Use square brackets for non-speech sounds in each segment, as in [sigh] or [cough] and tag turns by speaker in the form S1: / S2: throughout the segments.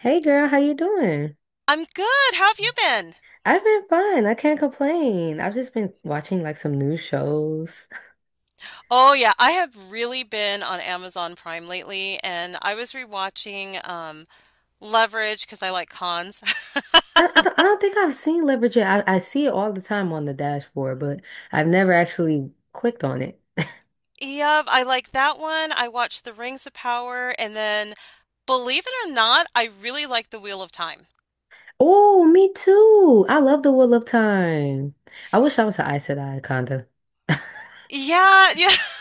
S1: Hey girl, how you doing?
S2: I'm good. How have you been?
S1: I've been fine. I can't complain. I've just been watching like some new shows.
S2: Oh yeah, I have really been on Amazon Prime lately, and I was rewatching Leverage because I like cons. [laughs]
S1: [laughs] I don't think I've seen Leverage yet. I see it all the time on the dashboard, but I've never actually clicked on it.
S2: Yep, I like that one. I watched The Rings of Power, and then believe it or not, I really like The Wheel of Time.
S1: Oh, me too. I love The Wheel of Time. I wish I was an Aes Sedai, kinda.
S2: Yeah, yeah. [laughs]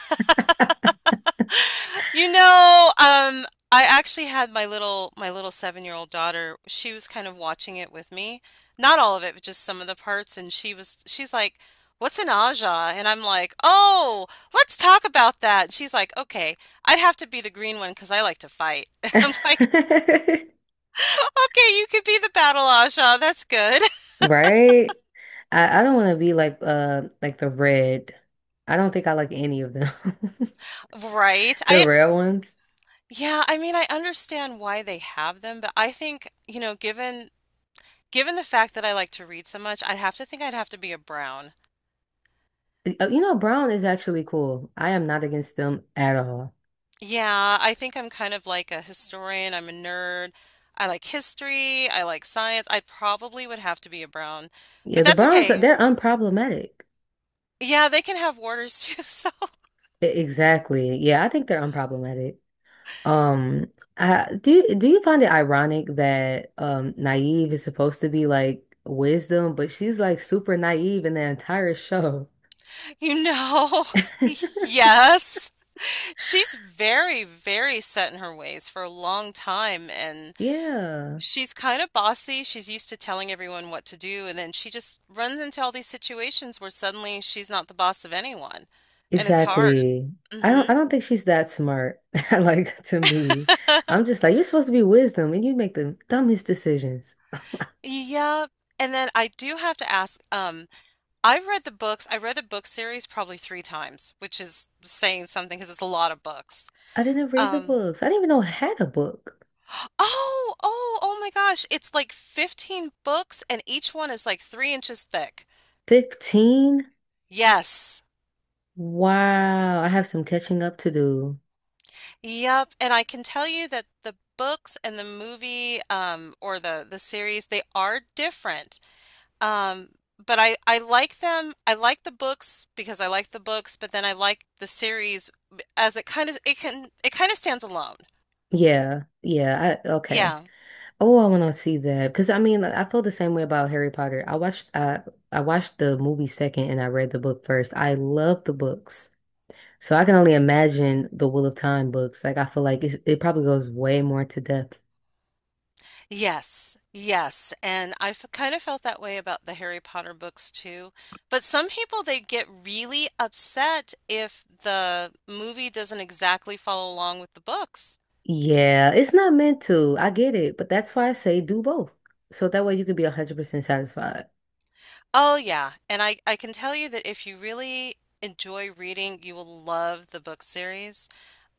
S2: You know, um, I actually had my little 7-year-old daughter. She was kind of watching it with me. Not all of it, but just some of the parts. And she's like,
S1: [laughs]
S2: "What's an aja?" And I'm like, "Oh, let's talk about that." And she's like, "Okay, I'd have to be the green one because I like to fight." [laughs] I'm like,
S1: [laughs]
S2: "Okay, you could be the battle aja. That's good." [laughs]
S1: Right? I don't want to be like the red. I don't think I like any of them. [laughs]
S2: Right.
S1: The
S2: I
S1: rare ones.
S2: yeah, I mean, I understand why they have them, but I think, you know, given the fact that I like to read so much, I'd have to think I'd have to be a Brown.
S1: You know, brown is actually cool. I am not against them at all.
S2: Yeah, I think I'm kind of like a historian. I'm a nerd. I like history. I like science. I probably would have to be a Brown,
S1: Yeah,
S2: but
S1: the
S2: that's
S1: browns are
S2: okay.
S1: they're unproblematic.
S2: Yeah, they can have warders too, [laughs] so
S1: Exactly. Yeah, I think they're unproblematic. Um, I, do you, find it ironic that Naive is supposed to be like wisdom, but she's like super naive in the entire show? [laughs]
S2: you know. [laughs] Yes. She's very, very set in her ways for a long time, and
S1: Yeah.
S2: she's kind of bossy. She's used to telling everyone what to do, and then she just runs into all these situations where suddenly she's not the boss of anyone. And it's hard.
S1: Exactly.
S2: Hmm.
S1: I don't think she's that smart. [laughs] Like to me.
S2: [laughs]
S1: I'm just like, you're supposed to be wisdom and you make the dumbest decisions.
S2: Yeah. And then I do have to ask, I've read the books. I read the book series probably three times, which is saying something because it's a lot of books.
S1: I didn't read the
S2: Um,
S1: books. I didn't even know I had a book.
S2: [gasps] oh my gosh. It's like 15 books, and each one is like 3 inches thick.
S1: 15?
S2: Yes.
S1: Wow. I have some catching up to do.
S2: Yep, and I can tell you that the books and the movie or the series they are different. Um but I like them. I like the books because I like the books, but then I like the series as it kind of stands alone.
S1: Yeah. Yeah. I okay.
S2: Yeah.
S1: Oh, I want to see that. Because I mean, I feel the same way about Harry Potter. I watched the movie second and I read the book first. I love the books. So I can only imagine the Wheel of Time books. Like I feel like it probably goes way more to depth.
S2: Yes. Yes. And I f kind of felt that way about the Harry Potter books too. But some people they get really upset if the movie doesn't exactly follow along with the books.
S1: Yeah, it's not meant to. I get it, but that's why I say do both. So that way you can be 100% satisfied.
S2: Oh yeah, and I can tell you that if you really enjoy reading, you will love the book series.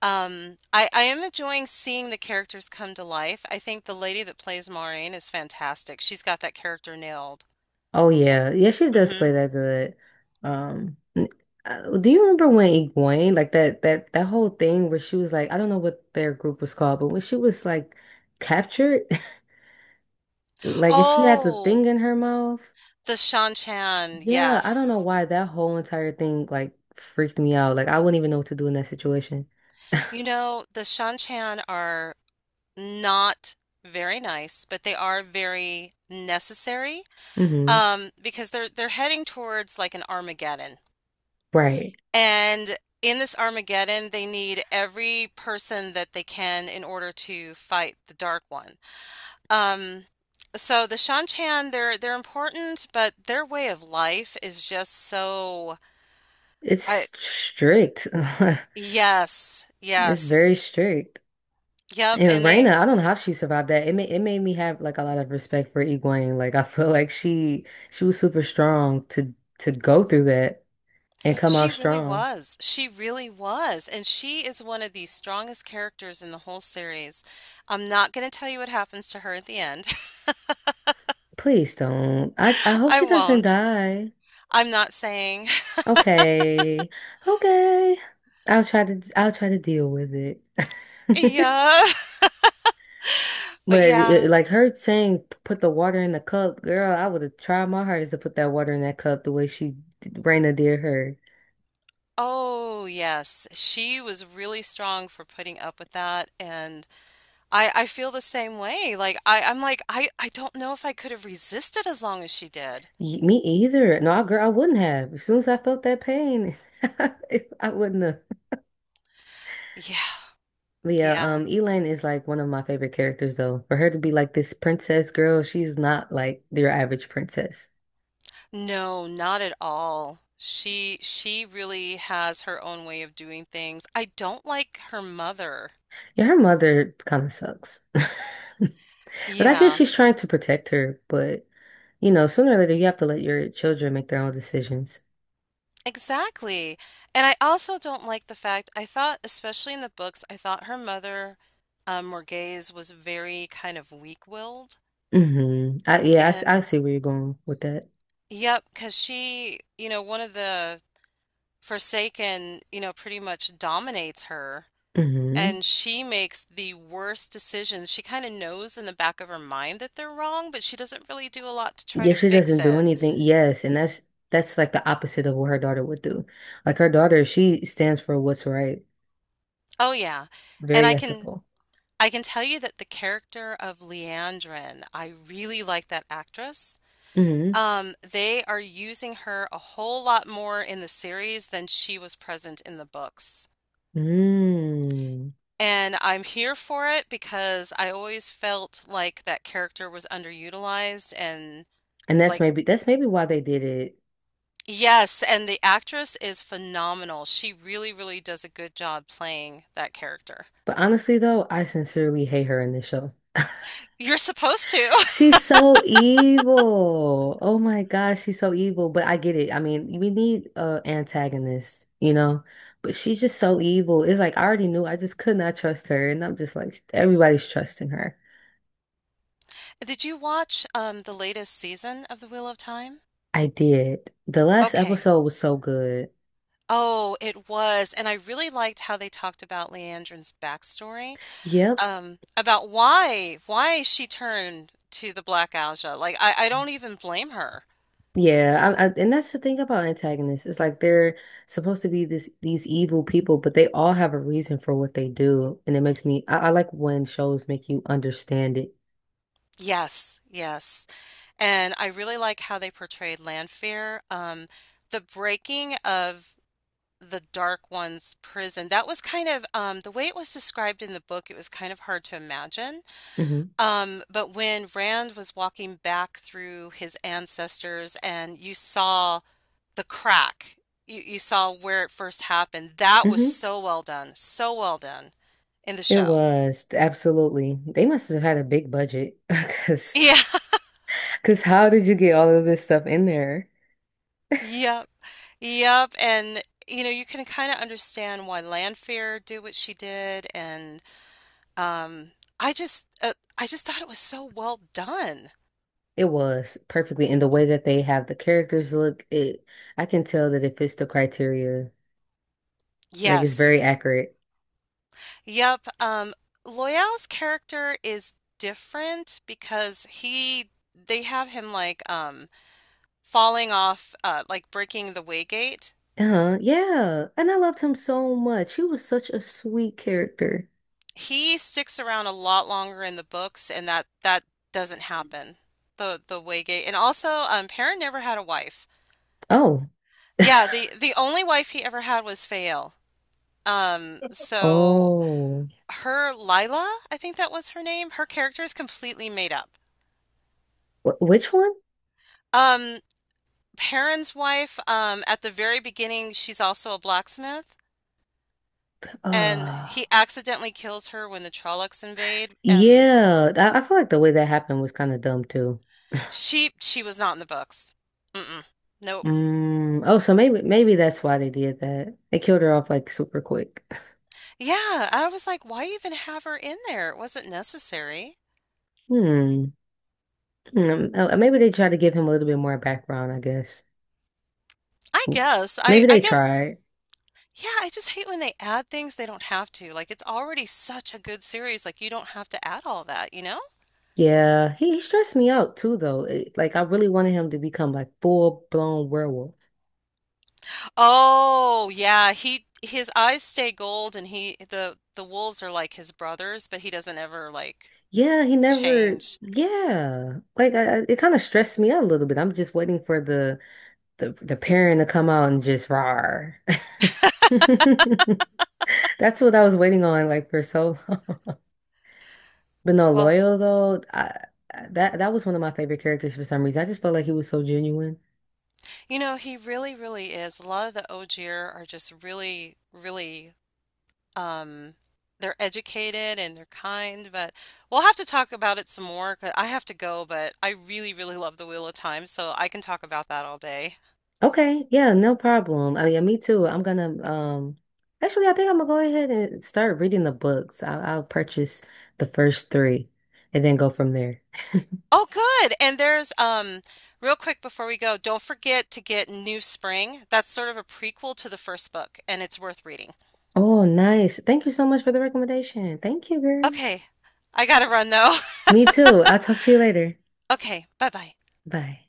S2: I am enjoying seeing the characters come to life. I think the lady that plays Maureen is fantastic. She's got that character nailed.
S1: Oh yeah. Yeah, she does
S2: Mm-hmm.
S1: play that good. Um n- do you remember when Egwene, like that whole thing where she was like, I don't know what their group was called, but when she was like captured, [laughs] like and she had the
S2: Oh,
S1: thing in her mouth.
S2: the Shan Chan,
S1: Yeah, I don't know
S2: yes.
S1: why that whole entire thing like freaked me out. Like I wouldn't even know what to do in that situation. [laughs]
S2: You know, the Shan Chan are not very nice, but they are very necessary,
S1: hmm
S2: because they're heading towards like an Armageddon.
S1: Right.
S2: And in this Armageddon, they need every person that they can in order to fight the Dark One. Um, so the Shanchan, they're important, but their way of life is just so. I
S1: It's strict. [laughs]
S2: Yes,
S1: It's
S2: yes,
S1: very strict.
S2: yep.
S1: And
S2: And they.
S1: Raina, I don't know how she survived that. It made me have like a lot of respect for Egwene. Like I feel like she was super strong to go through that and come
S2: She
S1: out
S2: really
S1: strong.
S2: was, she really was, and she is one of the strongest characters in the whole series. I'm not going to tell you what happens to her at the end.
S1: Please don't. I
S2: [laughs]
S1: hope
S2: I
S1: she doesn't
S2: won't.
S1: die.
S2: I'm not saying. [laughs]
S1: Okay. Okay. I'll try to deal with it. [laughs]
S2: Yeah, [laughs]
S1: But
S2: but yeah.
S1: it, like her saying, put the water in the cup, girl, I would have tried my hardest to put that water in that cup the way she Raina did her.
S2: Oh, yes. She was really strong for putting up with that. And I feel the same way. Like I'm like, I don't know if I could have resisted as long as she did.
S1: Me either. No, I, girl, I wouldn't have. As soon as I felt that pain, [laughs] I wouldn't have.
S2: Yeah,
S1: But yeah,
S2: yeah.
S1: Elaine is like one of my favorite characters though. For her to be like this princess girl, she's not like your average princess.
S2: No, not at all. She really has her own way of doing things. I don't like her mother.
S1: Yeah, her mother kind of sucks. [laughs] But I guess
S2: Yeah,
S1: she's trying to protect her. But you know, sooner or later, you have to let your children make their own decisions.
S2: exactly. And I also don't like the fact I thought, especially in the books, I thought her mother, Morghese was very kind of weak-willed.
S1: Hmm yeah, I
S2: And
S1: see where you're going with that.
S2: yep, cause she, one of the Forsaken, pretty much dominates her,
S1: Hmm
S2: and she makes the worst decisions. She kind of knows in the back of her mind that they're wrong, but she doesn't really do a lot to try to
S1: If she
S2: fix
S1: doesn't do
S2: it.
S1: anything, yes, and that's like the opposite of what her daughter would do. Like her daughter, she stands for what's right,
S2: Oh yeah. And
S1: very
S2: I can
S1: ethical.
S2: I can tell you that the character of Leandrin, I really like that actress.
S1: Hmm
S2: They are using her a whole lot more in the series than she was present in the books.
S1: Mm.
S2: And I'm here for it because I always felt like that character was underutilized and
S1: And
S2: like,
S1: that's maybe why they did it.
S2: yes, and the actress is phenomenal. She really, really does a good job playing that character.
S1: But honestly, though, I sincerely hate her in this show.
S2: You're supposed to.
S1: She's so evil. Oh my gosh, she's so evil. But I get it. I mean, we need a antagonist, you know? But she's just so evil. It's like I already knew I just could not trust her. And I'm just like, everybody's trusting her.
S2: [laughs] Did you watch the latest season of The Wheel of Time?
S1: I did. The last
S2: Okay.
S1: episode was so good.
S2: Oh, it was. And I really liked how they talked about Leandrin's backstory,
S1: Yep.
S2: about why she turned to the Black Aja. Like I don't even blame her.
S1: Yeah. And that's the thing about antagonists. It's like they're supposed to be this these evil people, but they all have a reason for what they do. And it makes me I like when shows make you understand it.
S2: Yes, yes. And I really like how they portrayed Lanfear. The breaking of the Dark One's prison, that was kind of, the way it was described in the book, it was kind of hard to imagine.
S1: Hmm
S2: But when Rand was walking back through his ancestors and you saw the crack, you saw where it first happened, that was
S1: hmm
S2: so well done in the
S1: It
S2: show. [laughs]
S1: was absolutely. They must have had a big budget [laughs]
S2: Yeah,
S1: because how did you get all of this stuff in there?
S2: yeah. Yep, and you can kind of understand why Lanfear did what she did, and um, I just, uh, I just thought it was so well done.
S1: It was perfectly in the way that they have the characters look. It I can tell that it fits the criteria. Like it's
S2: Yes,
S1: very accurate.
S2: yep. Loyal's character is different because they have him like falling off, like breaking the Waygate.
S1: Uh-huh. Yeah. And I loved him so much. He was such a sweet character.
S2: He sticks around a lot longer in the books, and that doesn't happen. The Waygate, and also, Perrin never had a wife.
S1: Oh.
S2: Yeah,
S1: [laughs]
S2: the only wife he ever had was Fael. So
S1: Oh.
S2: her Lila, I think that was her name, her character is completely made up.
S1: Wh which one?
S2: Um, Perrin's wife, at the very beginning, she's also a blacksmith, and
S1: Uh
S2: he accidentally kills her when the Trollocs invade.
S1: yeah. I feel like the way that happened was kind of dumb.
S2: She was not in the books. Mm-mm. Nope.
S1: Mm, oh, so maybe that's why they did that. They killed her off like super quick.
S2: Yeah, I was like, why even have her in there? It wasn't necessary.
S1: Hmm. Hmm. Maybe they tried to give him a little bit more background, I guess.
S2: I guess. I
S1: Maybe
S2: I
S1: they
S2: guess.
S1: tried.
S2: Yeah, I just hate when they add things they don't have to. Like, it's already such a good series. Like, you don't have to add all that, you know?
S1: Yeah, he stressed me out too, though. Like I really wanted him to become like full blown werewolf.
S2: Oh, yeah. He his eyes stay gold, and he the wolves are like his brothers, but he doesn't ever like
S1: Yeah, he never.
S2: change.
S1: Yeah, like it kind of stressed me out a little bit. I'm just waiting for the the parent to come out and just roar. [laughs] That's what I was waiting on, like for so. But no,
S2: Well,
S1: Loyal though, that that was one of my favorite characters for some reason. I just felt like he was so genuine.
S2: he really, really is. A lot of the Ogier are just really, really, um they're educated and they're kind, but we'll have to talk about it some more 'cause I have to go, but I really, really love the Wheel of Time, so I can talk about that all day.
S1: Okay, yeah, no problem. I mean, me too. I'm gonna actually I think I'm gonna go ahead and start reading the books. I'll purchase the first three and then go from there.
S2: Oh, good. And there's, real quick before we go, don't forget to get New Spring. That's sort of a prequel to the first book, and it's worth reading.
S1: Oh, nice. Thank you so much for the recommendation. Thank you, girl.
S2: Okay. I gotta run though. [laughs]
S1: Me too. I'll talk to you later.
S2: Okay, bye-bye.
S1: Bye.